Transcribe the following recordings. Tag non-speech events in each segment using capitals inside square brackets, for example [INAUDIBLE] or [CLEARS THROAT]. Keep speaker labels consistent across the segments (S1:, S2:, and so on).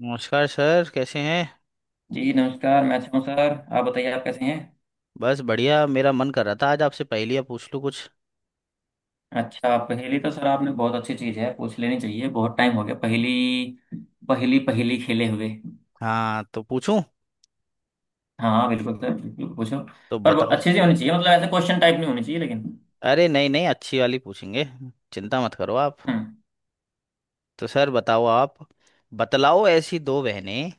S1: नमस्कार सर कैसे हैं।
S2: जी नमस्कार। मैं अच्छा हूँ सर। आप बताइए, आप कैसे हैं?
S1: बस बढ़िया। मेरा मन कर रहा था आज आपसे पहेलियाँ पूछ लूँ कुछ।
S2: अच्छा, पहेली तो सर आपने बहुत अच्छी चीज़ है, पूछ लेनी चाहिए। बहुत टाइम हो गया पहेली पहेली पहेली खेले हुए।
S1: हाँ तो पूछूं।
S2: हाँ बिल्कुल सर, बिल्कुल पूछो।
S1: तो
S2: पर वो
S1: बताओ।
S2: अच्छी सी होनी चाहिए, मतलब ऐसे क्वेश्चन टाइप नहीं होनी चाहिए, लेकिन।
S1: अरे नहीं नहीं, अच्छी वाली पूछेंगे। चिंता मत करो आप।
S2: हम्म।
S1: तो सर बताओ आप। बतलाओ, ऐसी दो बहनें,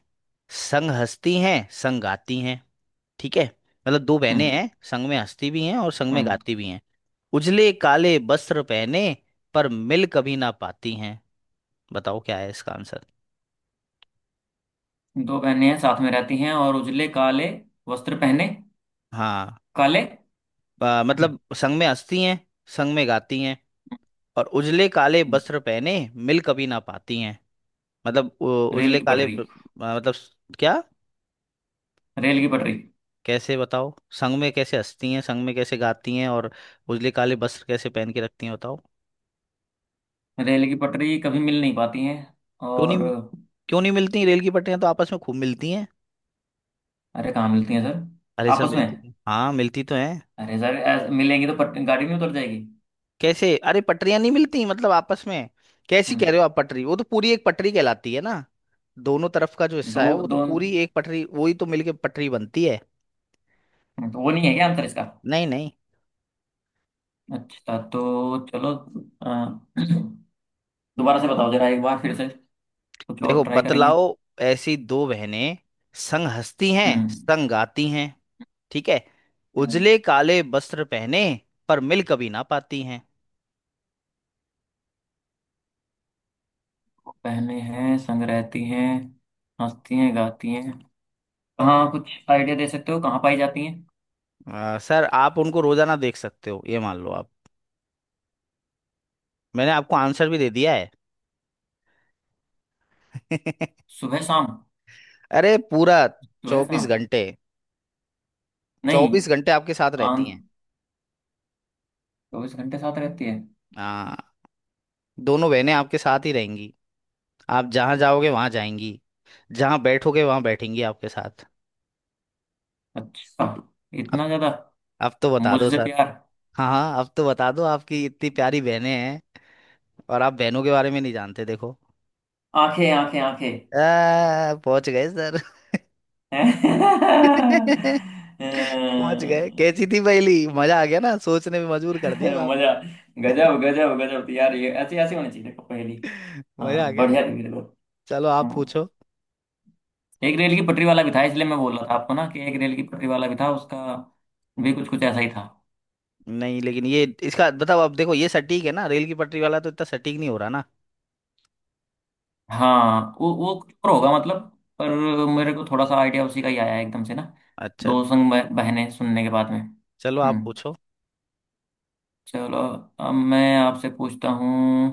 S1: संग हंसती हैं संग गाती हैं। ठीक है। मतलब दो बहनें
S2: हम्म।
S1: हैं, संग में हंसती भी हैं और संग में
S2: हम्म।
S1: गाती भी हैं। उजले काले वस्त्र पहने पर मिल कभी ना पाती हैं। बताओ क्या है इसका आंसर।
S2: दो बहनें हैं, साथ में रहती हैं, और उजले काले वस्त्र पहने।
S1: हाँ।
S2: काले।
S1: मतलब संग में हंसती हैं, संग में गाती हैं, और उजले काले वस्त्र पहने मिल कभी ना पाती हैं। मतलब
S2: रेल
S1: उजले
S2: की
S1: काले
S2: पटरी।
S1: मतलब क्या।
S2: रेल की पटरी।
S1: कैसे बताओ। संग में कैसे हंसती हैं, संग में कैसे गाती हैं, और उजले काले वस्त्र कैसे पहन के रखती हैं बताओ।
S2: रेल की पटरी कभी मिल नहीं पाती हैं।
S1: क्यों
S2: और?
S1: नहीं। क्यों नहीं मिलती? रेल की पटरियां तो आपस में खूब मिलती हैं।
S2: अरे कहाँ मिलती हैं सर?
S1: अरे सर,
S2: आपस में?
S1: मिलती तो हाँ मिलती तो हैं।
S2: अरे सर, ऐस- मिलेंगी तो पट, गाड़ी नहीं उतर जाएगी।
S1: कैसे? अरे पटरियां नहीं मिलती मतलब आपस में। कैसी
S2: हम्म।
S1: कह रहे हो आप? पटरी वो तो पूरी एक पटरी कहलाती है ना। दोनों तरफ का जो हिस्सा
S2: दो
S1: है वो तो
S2: दो
S1: पूरी एक पटरी, वही तो मिलके पटरी बनती है।
S2: तो वो नहीं है क्या आंसर इसका?
S1: नहीं नहीं।
S2: अच्छा, तो चलो। अ, [CLEARS THROAT] दोबारा से बताओ जरा, एक बार फिर से। कुछ और
S1: देखो
S2: ट्राई करेंगे।
S1: बतलाओ। ऐसी दो बहनें, संग हंसती हैं
S2: हम्म।
S1: संग गाती हैं। ठीक है।
S2: हम्म,
S1: उजले काले वस्त्र पहने पर मिल कभी ना पाती हैं।
S2: वो पहने हैं, संग रहती हैं, हंसती हैं, गाती हैं। कहाँ? कुछ आइडिया दे सकते हो, कहाँ पाई जाती हैं?
S1: सर आप उनको रोजाना देख सकते हो, ये मान लो आप। मैंने आपको आंसर भी दे दिया है। [LAUGHS]
S2: सुबह शाम।
S1: अरे पूरा
S2: सुबह
S1: चौबीस
S2: शाम।
S1: घंटे
S2: नहीं।
S1: 24 घंटे आपके साथ
S2: आन।
S1: रहती हैं।
S2: 24 घंटे साथ रहती है?
S1: हाँ। दोनों बहनें आपके साथ ही रहेंगी। आप जहाँ जाओगे वहाँ जाएंगी, जहाँ बैठोगे वहाँ बैठेंगी आपके साथ।
S2: अच्छा,
S1: अब
S2: इतना ज्यादा
S1: अब तो बता दो
S2: मुझसे
S1: सर।
S2: प्यार?
S1: हाँ हाँ, अब तो बता दो। आपकी इतनी प्यारी बहनें हैं और आप बहनों के बारे में नहीं जानते देखो।
S2: आंखें! आंखें! आंखें!
S1: पहुंच गए सर।
S2: [LAUGHS]
S1: [LAUGHS]
S2: मजा।
S1: पहुंच गए। कैसी थी पहली? मजा आ गया ना, सोचने में मजबूर कर दिया काफी। [LAUGHS]
S2: गजब गजब गजब यार, ये ऐसी ऐसी होनी चाहिए देखो पहेली।
S1: मजा आ
S2: हाँ
S1: गया ना।
S2: बढ़िया थी मेरे को।
S1: चलो आप
S2: हाँ,
S1: पूछो।
S2: एक रेल की पटरी वाला भी था, इसलिए मैं बोल रहा था आपको ना, कि एक रेल की पटरी वाला भी था, उसका भी कुछ कुछ ऐसा ही था।
S1: नहीं लेकिन ये इसका बताओ आप। देखो ये सटीक है ना, रेल की पटरी वाला तो इतना सटीक नहीं हो रहा ना।
S2: हाँ वो कुछ और होगा, मतलब। पर मेरे को थोड़ा सा आइडिया उसी का ही आया एकदम से ना,
S1: अच्छा।
S2: दो संग बह- बहनें सुनने के बाद में।
S1: चलो आप
S2: हम्म।
S1: पूछो।
S2: चलो अब मैं आपसे पूछता हूँ।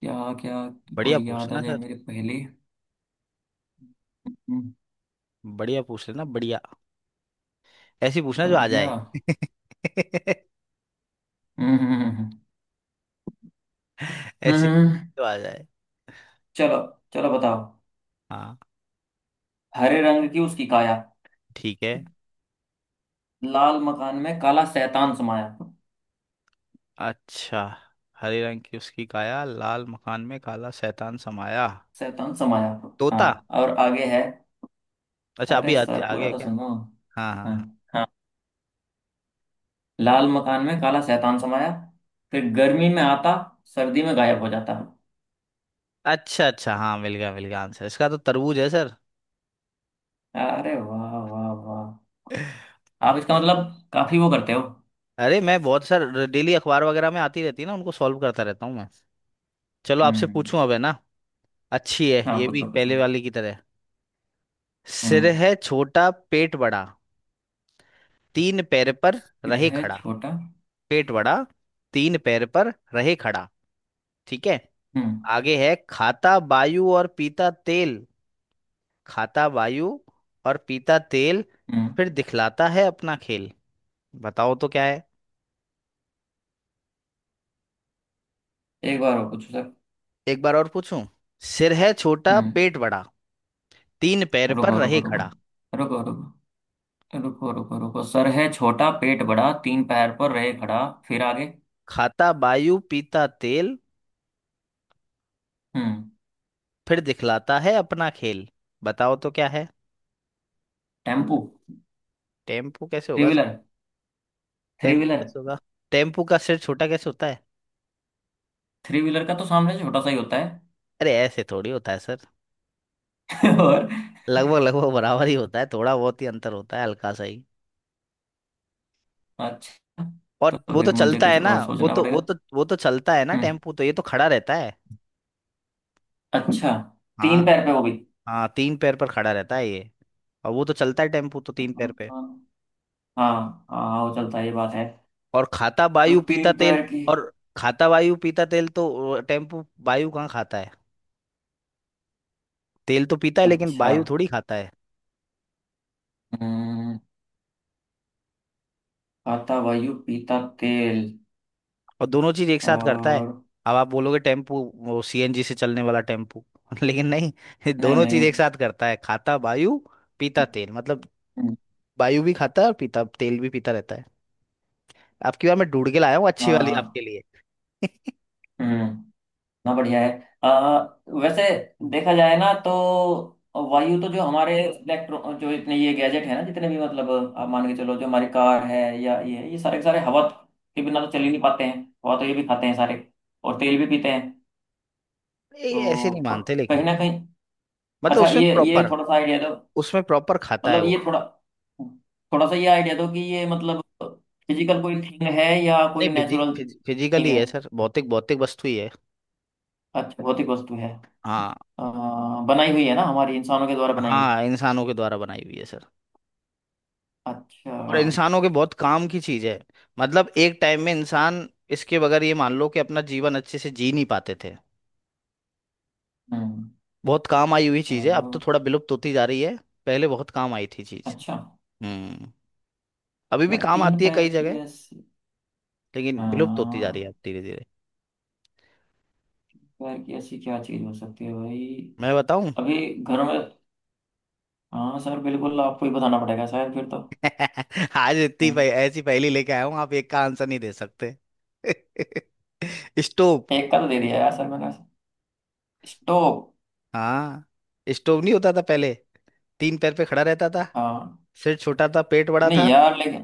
S2: क्या क्या
S1: बढ़िया
S2: कोई याद आ
S1: पूछना
S2: जाए
S1: सर।
S2: मेरे पहले।
S1: बढ़िया पूछ लेना बढ़िया। ऐसी पूछना जो आ
S2: बढ़िया।
S1: जाए। [LAUGHS]
S2: हम्म हम्म हम्म हम्म। हम्म,
S1: ऐसी
S2: हम्म, हम्म।
S1: जो आ जाए।
S2: चलो। चलो बताओ।
S1: हाँ।
S2: हरे रंग की उसकी काया,
S1: ठीक है।
S2: लाल मकान में काला शैतान समाया।
S1: अच्छा। हरे रंग की उसकी काया, लाल मकान में काला शैतान समाया।
S2: शैतान समाया?
S1: तोता।
S2: हाँ, और आगे है।
S1: अच्छा अभी
S2: अरे सर,
S1: आ
S2: पूरा
S1: गया
S2: तो
S1: क्या?
S2: सुनो।
S1: हाँ हाँ
S2: हाँ
S1: हाँ।
S2: हाँ। लाल मकान में काला शैतान समाया, फिर गर्मी में आता, सर्दी में गायब हो जाता।
S1: अच्छा अच्छा, हाँ मिल गया मिल गया, आंसर इसका तो तरबूज है सर।
S2: अरे वाह वाह वाह!
S1: [LAUGHS]
S2: आप इसका मतलब काफी वो करते हो।
S1: अरे मैं बहुत सारे डेली अखबार वगैरह में आती रहती है ना, उनको सॉल्व करता रहता हूँ मैं। चलो आपसे पूछूं
S2: हम्म।
S1: अब, है ना। अच्छी है
S2: हाँ
S1: ये भी
S2: पूछो
S1: पहले
S2: पूछो।
S1: वाली की तरह। सिर
S2: हम्म।
S1: है छोटा पेट बड़ा, तीन पैर पर
S2: फिर
S1: रहे
S2: है
S1: खड़ा।
S2: छोटा।
S1: पेट बड़ा, तीन पैर पर रहे खड़ा। ठीक है।
S2: हम्म।
S1: आगे है, खाता वायु और पीता तेल। खाता वायु और पीता तेल,
S2: हम्म।
S1: फिर दिखलाता है अपना खेल। बताओ तो क्या है।
S2: एक बार और पूछो सर।
S1: एक बार और पूछूं। सिर है छोटा
S2: हम्म।
S1: पेट बड़ा, तीन पैर पर
S2: रुको रुको
S1: रहे
S2: रुको।
S1: खड़ा।
S2: रुको रुको। रुको रुको रुको। सर है छोटा, पेट बड़ा, 3 पैर पर रहे खड़ा। फिर आगे?
S1: खाता वायु पीता तेल,
S2: हम्म।
S1: फिर दिखलाता है अपना खेल। बताओ तो क्या है।
S2: टेम्पू।
S1: टेम्पू कैसे
S2: थ्री
S1: होगा sir?
S2: Wheeler. Three
S1: tempo
S2: wheeler.
S1: कैसे होगा? टेम्पू का सिर छोटा कैसे होता है?
S2: थ्री व्हीलर का तो सामने छोटा सा ही होता है।
S1: अरे ऐसे थोड़ी होता है सर।
S2: [LAUGHS] और?
S1: लगभग लगभग बराबर ही होता है, थोड़ा बहुत ही अंतर होता है, हल्का सा ही।
S2: अच्छा,
S1: और
S2: तो
S1: वो तो
S2: फिर मुझे
S1: चलता है
S2: कुछ
S1: ना।
S2: और
S1: वो
S2: सोचना
S1: तो वो
S2: पड़ेगा।
S1: तो वो तो चलता है ना
S2: हम्म।
S1: टेम्पू तो, ये तो खड़ा रहता है।
S2: अच्छा, तीन
S1: हाँ।
S2: पैर पे वो भी।
S1: हाँ तीन पैर पर खड़ा रहता है ये। और वो तो चलता है टेम्पू तो, तीन
S2: हाँ
S1: पैर पे।
S2: हाँ हाँ, वो चलता है, ये बात है।
S1: और खाता
S2: तो
S1: वायु पीता
S2: तीन
S1: तेल।
S2: पैर की।
S1: और खाता वायु पीता तेल, तो टेम्पू वायु कहाँ खाता है। तेल तो पीता है लेकिन
S2: अच्छा।
S1: वायु थोड़ी खाता है।
S2: हम्म। खाता वायु, पीता तेल।
S1: और दोनों चीज एक साथ करता है।
S2: और?
S1: अब आप बोलोगे टेम्पू, वो सीएनजी से चलने वाला टेम्पू। [LAUGHS] लेकिन नहीं। ये
S2: नहीं
S1: दोनों चीज
S2: नहीं।
S1: एक साथ करता है, खाता वायु पीता तेल, मतलब वायु भी खाता है और पीता तेल भी पीता रहता है। आपकी बार मैं ढूंढ के लाया हूँ अच्छी वाली आपके
S2: आ,
S1: लिए। [LAUGHS]
S2: हम्म, ना बढ़िया है। आ, वैसे देखा जाए ना तो, वायु तो जो हमारे इलेक्ट्रो जो इतने ये गैजेट है ना जितने भी, मतलब, आप मान के चलो जो हमारी कार है या ये सारे के सारे हवा के बिना तो चल ही नहीं पाते हैं। हवा तो ये भी खाते हैं सारे, और तेल भी पीते हैं।
S1: ये ऐसे
S2: तो
S1: नहीं मानते
S2: कहीं
S1: लेकिन।
S2: ना कहीं।
S1: मतलब
S2: अच्छा,
S1: उसमें
S2: ये
S1: प्रॉपर,
S2: थोड़ा सा आइडिया दो,
S1: उसमें प्रॉपर खाता है
S2: मतलब
S1: वो।
S2: ये थोड़ा, थोड़ा सा ये आइडिया दो, कि ये मतलब फिजिकल कोई थिंग है या
S1: नहीं
S2: कोई नेचुरल थिंग
S1: फिजिकली
S2: है?
S1: है सर, भौतिक भौतिक वस्तु ही है।
S2: अच्छा, भौतिक वस्तु है।
S1: हाँ।
S2: अ, बनाई हुई है ना, हमारी इंसानों के द्वारा बनाई हुई?
S1: हाँ इंसानों के द्वारा बनाई हुई है सर।
S2: अच्छा।
S1: और इंसानों के बहुत काम की चीज है। मतलब एक टाइम में इंसान इसके बगैर, ये मान लो कि, अपना जीवन अच्छे से जी नहीं पाते थे।
S2: हम्म।
S1: बहुत काम आई हुई चीज है, अब तो
S2: चलो।
S1: थोड़ा विलुप्त होती जा रही है। पहले बहुत काम आई थी चीज।
S2: अच्छा।
S1: हम्म। अभी भी
S2: यार
S1: काम
S2: तीन
S1: आती है
S2: पैर
S1: कई
S2: की
S1: जगह।
S2: ऐसी,
S1: लेकिन विलुप्त होती जा रही है
S2: हाँ,
S1: अब धीरे धीरे।
S2: पैर की ऐसी क्या चीज हो सकती है भाई?
S1: मैं बताऊं?
S2: अभी घर में? हाँ सर, बिल्कुल आपको ही बताना पड़ेगा शायद फिर तो।
S1: [LAUGHS] आज इतनी
S2: हम्म,
S1: ऐसी पहेली लेके आया हूं, आप एक का आंसर नहीं दे सकते। [LAUGHS] स्टोव।
S2: एक का तो दे दिया यार सर मैंने। स्टोव?
S1: हाँ। स्टोव नहीं होता था पहले। तीन पैर पे खड़ा रहता था।
S2: हाँ।
S1: सिर छोटा था पेट बड़ा
S2: नहीं
S1: था,
S2: यार लेकिन।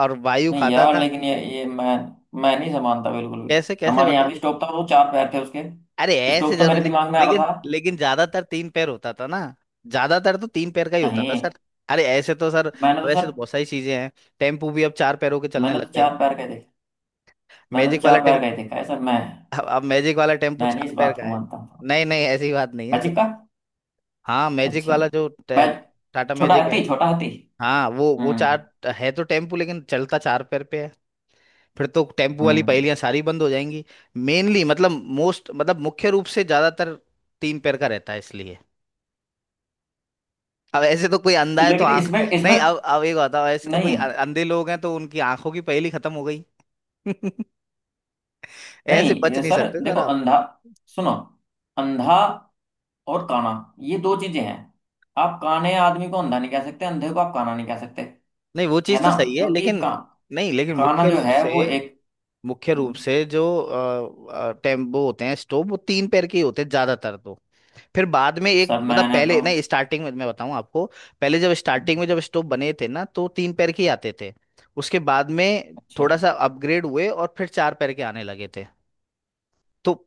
S1: और वायु
S2: नहीं
S1: खाता
S2: यार
S1: था।
S2: लेकिन ये मैं नहीं समानता बिल्कुल भी।
S1: कैसे? कैसे
S2: हमारे यहाँ
S1: बताओ।
S2: भी स्टोव था, वो 4 पैर थे उसके।
S1: अरे ऐसे
S2: स्टोव तो
S1: जरूरी
S2: मेरे
S1: नहीं।
S2: दिमाग में आ
S1: लेकिन
S2: रहा था।
S1: लेकिन ज्यादातर तीन पैर होता था ना, ज्यादातर तो तीन पैर का ही होता था
S2: नहीं।
S1: सर। अरे ऐसे तो सर,
S2: मैंने तो
S1: वैसे
S2: सर,
S1: तो बहुत सारी चीजें हैं। टेम्पू भी अब चार पैरों के चलने
S2: मैंने तो
S1: लग गए।
S2: 4 पैर का ही देखा। मैंने तो
S1: मैजिक वाला
S2: चार पैर का ही
S1: टेम्पू।
S2: देखा है सर।
S1: अब मैजिक वाला टेम्पू
S2: मैं नहीं
S1: चार
S2: इस
S1: पैर
S2: बात
S1: का
S2: को
S1: है।
S2: मानता हूँ।
S1: नहीं नहीं, ऐसी बात नहीं है
S2: मैजिक
S1: सर।
S2: का?
S1: हाँ मैजिक
S2: अच्छा।
S1: वाला जो
S2: मैं,
S1: टाटा
S2: छोटा
S1: मैजिक है।
S2: हाथी छोटा हाथी।
S1: हाँ वो
S2: हम्म।
S1: चार है तो, टेम्पू लेकिन चलता चार पैर पे है। फिर तो टेम्पू वाली
S2: हम्म।
S1: पहेलियां सारी बंद हो जाएंगी। मेनली मतलब, मोस्ट मतलब, मुख्य रूप से ज्यादातर तीन पैर का रहता है इसलिए। अब ऐसे तो कोई अंधा है तो
S2: लेकिन
S1: आंख।
S2: इसमें इसमें,
S1: नहीं, अब एक बताओ, ऐसे तो कोई
S2: नहीं
S1: अंधे लोग हैं तो उनकी आंखों की पहेली खत्म हो गई। [LAUGHS]
S2: नहीं,
S1: ऐसे बच
S2: ये
S1: नहीं
S2: सर
S1: सकते सर
S2: देखो,
S1: आप।
S2: अंधा, सुनो, अंधा और काना, ये दो चीजें हैं। आप काने आदमी को अंधा नहीं कह सकते, अंधे को आप काना नहीं कह सकते,
S1: नहीं वो
S2: है
S1: चीज तो
S2: ना?
S1: सही है
S2: क्योंकि
S1: लेकिन,
S2: का-,
S1: नहीं लेकिन
S2: काना
S1: मुख्य
S2: जो
S1: रूप
S2: है
S1: से,
S2: वो एक।
S1: मुख्य रूप से जो टेम्पो होते हैं स्टोव, वो तीन पैर के ही होते हैं ज्यादातर तो। फिर बाद में एक
S2: सर
S1: मतलब,
S2: मैंने
S1: पहले
S2: तो।
S1: नहीं, स्टार्टिंग में मैं बताऊं आपको। पहले जब स्टार्टिंग में जब स्टोव बने थे ना, तो तीन पैर के ही आते थे। उसके बाद में
S2: अच्छा।
S1: थोड़ा सा अपग्रेड हुए और फिर चार पैर के आने लगे थे। तो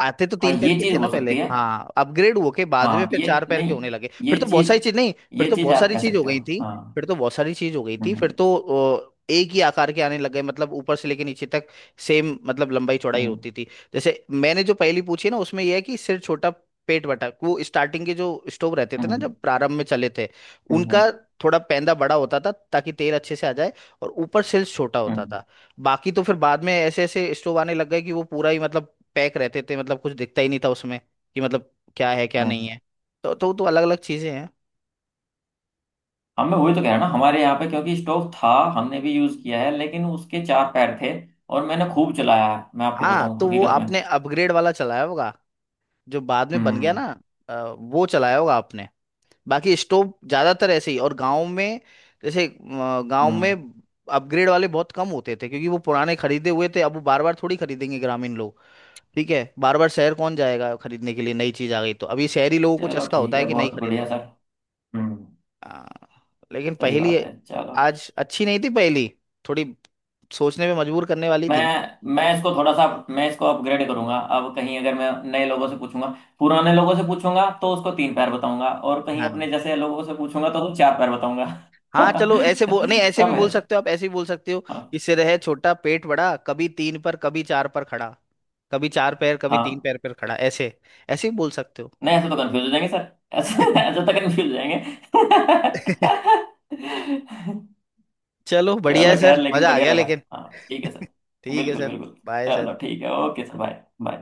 S1: आते तो
S2: हाँ,
S1: तीन पैर
S2: ये
S1: के
S2: चीज
S1: थे ना
S2: हो
S1: पहले,
S2: सकती है।
S1: हाँ अपग्रेड हुए के बाद में
S2: हाँ
S1: फिर
S2: ये
S1: चार पैर के
S2: नहीं।
S1: होने लगे फिर
S2: ये
S1: तो, बहुत सारी
S2: चीज,
S1: चीज, नहीं फिर
S2: ये
S1: तो
S2: चीज
S1: बहुत
S2: आप
S1: सारी
S2: कह
S1: चीज हो
S2: सकते हो।
S1: गई थी।
S2: हाँ।
S1: फिर तो बहुत सारी चीज हो गई थी फिर
S2: हम्म
S1: तो। एक ही आकार के आने लग गए, मतलब ऊपर से लेके नीचे तक सेम, मतलब लंबाई चौड़ाई
S2: हम्म
S1: होती थी। जैसे मैंने जो पहली पूछी ना, उसमें यह है कि सिर छोटा पेट बड़ा, वो स्टार्टिंग के जो स्टोव रहते थे ना,
S2: हम्म,
S1: जब प्रारंभ में चले थे, उनका
S2: हम्म
S1: थोड़ा पैंदा बड़ा होता था ताकि तेल अच्छे से आ जाए, और ऊपर सिर छोटा होता
S2: हम्म
S1: था। बाकी तो फिर बाद में ऐसे ऐसे स्टोव आने लग गए कि वो पूरा ही मतलब पैक रहते थे, मतलब कुछ दिखता ही नहीं था उसमें कि, मतलब क्या है क्या नहीं
S2: हम्म।
S1: है। तो अलग अलग चीजें हैं।
S2: हाँ मैं वही तो कह रहा ना, हमारे यहाँ पे क्योंकि स्टोव था, हमने भी यूज किया है, लेकिन उसके 4 पैर थे। और मैंने खूब चलाया है, मैं आपको
S1: हाँ
S2: बताऊं,
S1: तो वो
S2: हकीकत में।
S1: आपने अपग्रेड वाला चलाया होगा, जो बाद में बन गया
S2: हम्म।
S1: ना। अ, वो चलाया होगा आपने। बाकी स्टोव ज्यादातर ऐसे ही, और गांव में जैसे, गांव में
S2: हम्म।
S1: अपग्रेड वाले बहुत कम होते थे, क्योंकि वो पुराने खरीदे हुए थे, अब वो बार बार थोड़ी खरीदेंगे ग्रामीण लोग। ठीक है, बार बार शहर कौन जाएगा खरीदने के लिए, नई चीज आ गई तो अभी शहरी लोगों को
S2: चलो
S1: चस्का
S2: ठीक
S1: होता है
S2: है,
S1: कि नहीं
S2: बहुत
S1: खरीद
S2: बढ़िया
S1: लो।
S2: सर। हम्म।
S1: आ, लेकिन
S2: सही
S1: पहेली
S2: बात है, चलो।
S1: आज अच्छी नहीं थी पहेली, थोड़ी सोचने पे मजबूर करने वाली थी ना।
S2: मैं मैं इसको थोड़ा सा, मैं इसको अपग्रेड करूंगा। अब कहीं अगर मैं नए लोगों से पूछूंगा, पुराने लोगों से पूछूंगा तो उसको 3 पैर बताऊंगा, और कहीं अपने
S1: हाँ
S2: जैसे लोगों से पूछूंगा तो उसको 4 पैर बताऊंगा।
S1: हाँ, चलो ऐसे बोल, नहीं
S2: [LAUGHS]
S1: ऐसे भी
S2: तब
S1: बोल
S2: है।
S1: सकते हो आप, ऐसे भी बोल सकते हो
S2: हाँ।
S1: कि सिर है छोटा पेट बड़ा, कभी तीन पर कभी चार पर खड़ा। कभी चार पैर कभी तीन
S2: हाँ।
S1: पैर पर खड़ा, ऐसे ऐसे ही बोल सकते हो।
S2: नहीं ऐसे तो कंफ्यूज हो जाएंगे सर, [LAUGHS] ऐसे ऐसे तो कंफ्यूज हो जाएंगे।
S1: [LAUGHS]
S2: [LAUGHS]
S1: चलो बढ़िया
S2: चलो
S1: है
S2: खैर,
S1: सर,
S2: लेकिन
S1: मजा आ
S2: बढ़िया
S1: गया
S2: लगा।
S1: लेकिन।
S2: हाँ ठीक है सर।
S1: ठीक है
S2: बिल्कुल
S1: सर।
S2: बिल्कुल।
S1: Bye sir.
S2: चलो ठीक है, ओके सर, बाय बाय।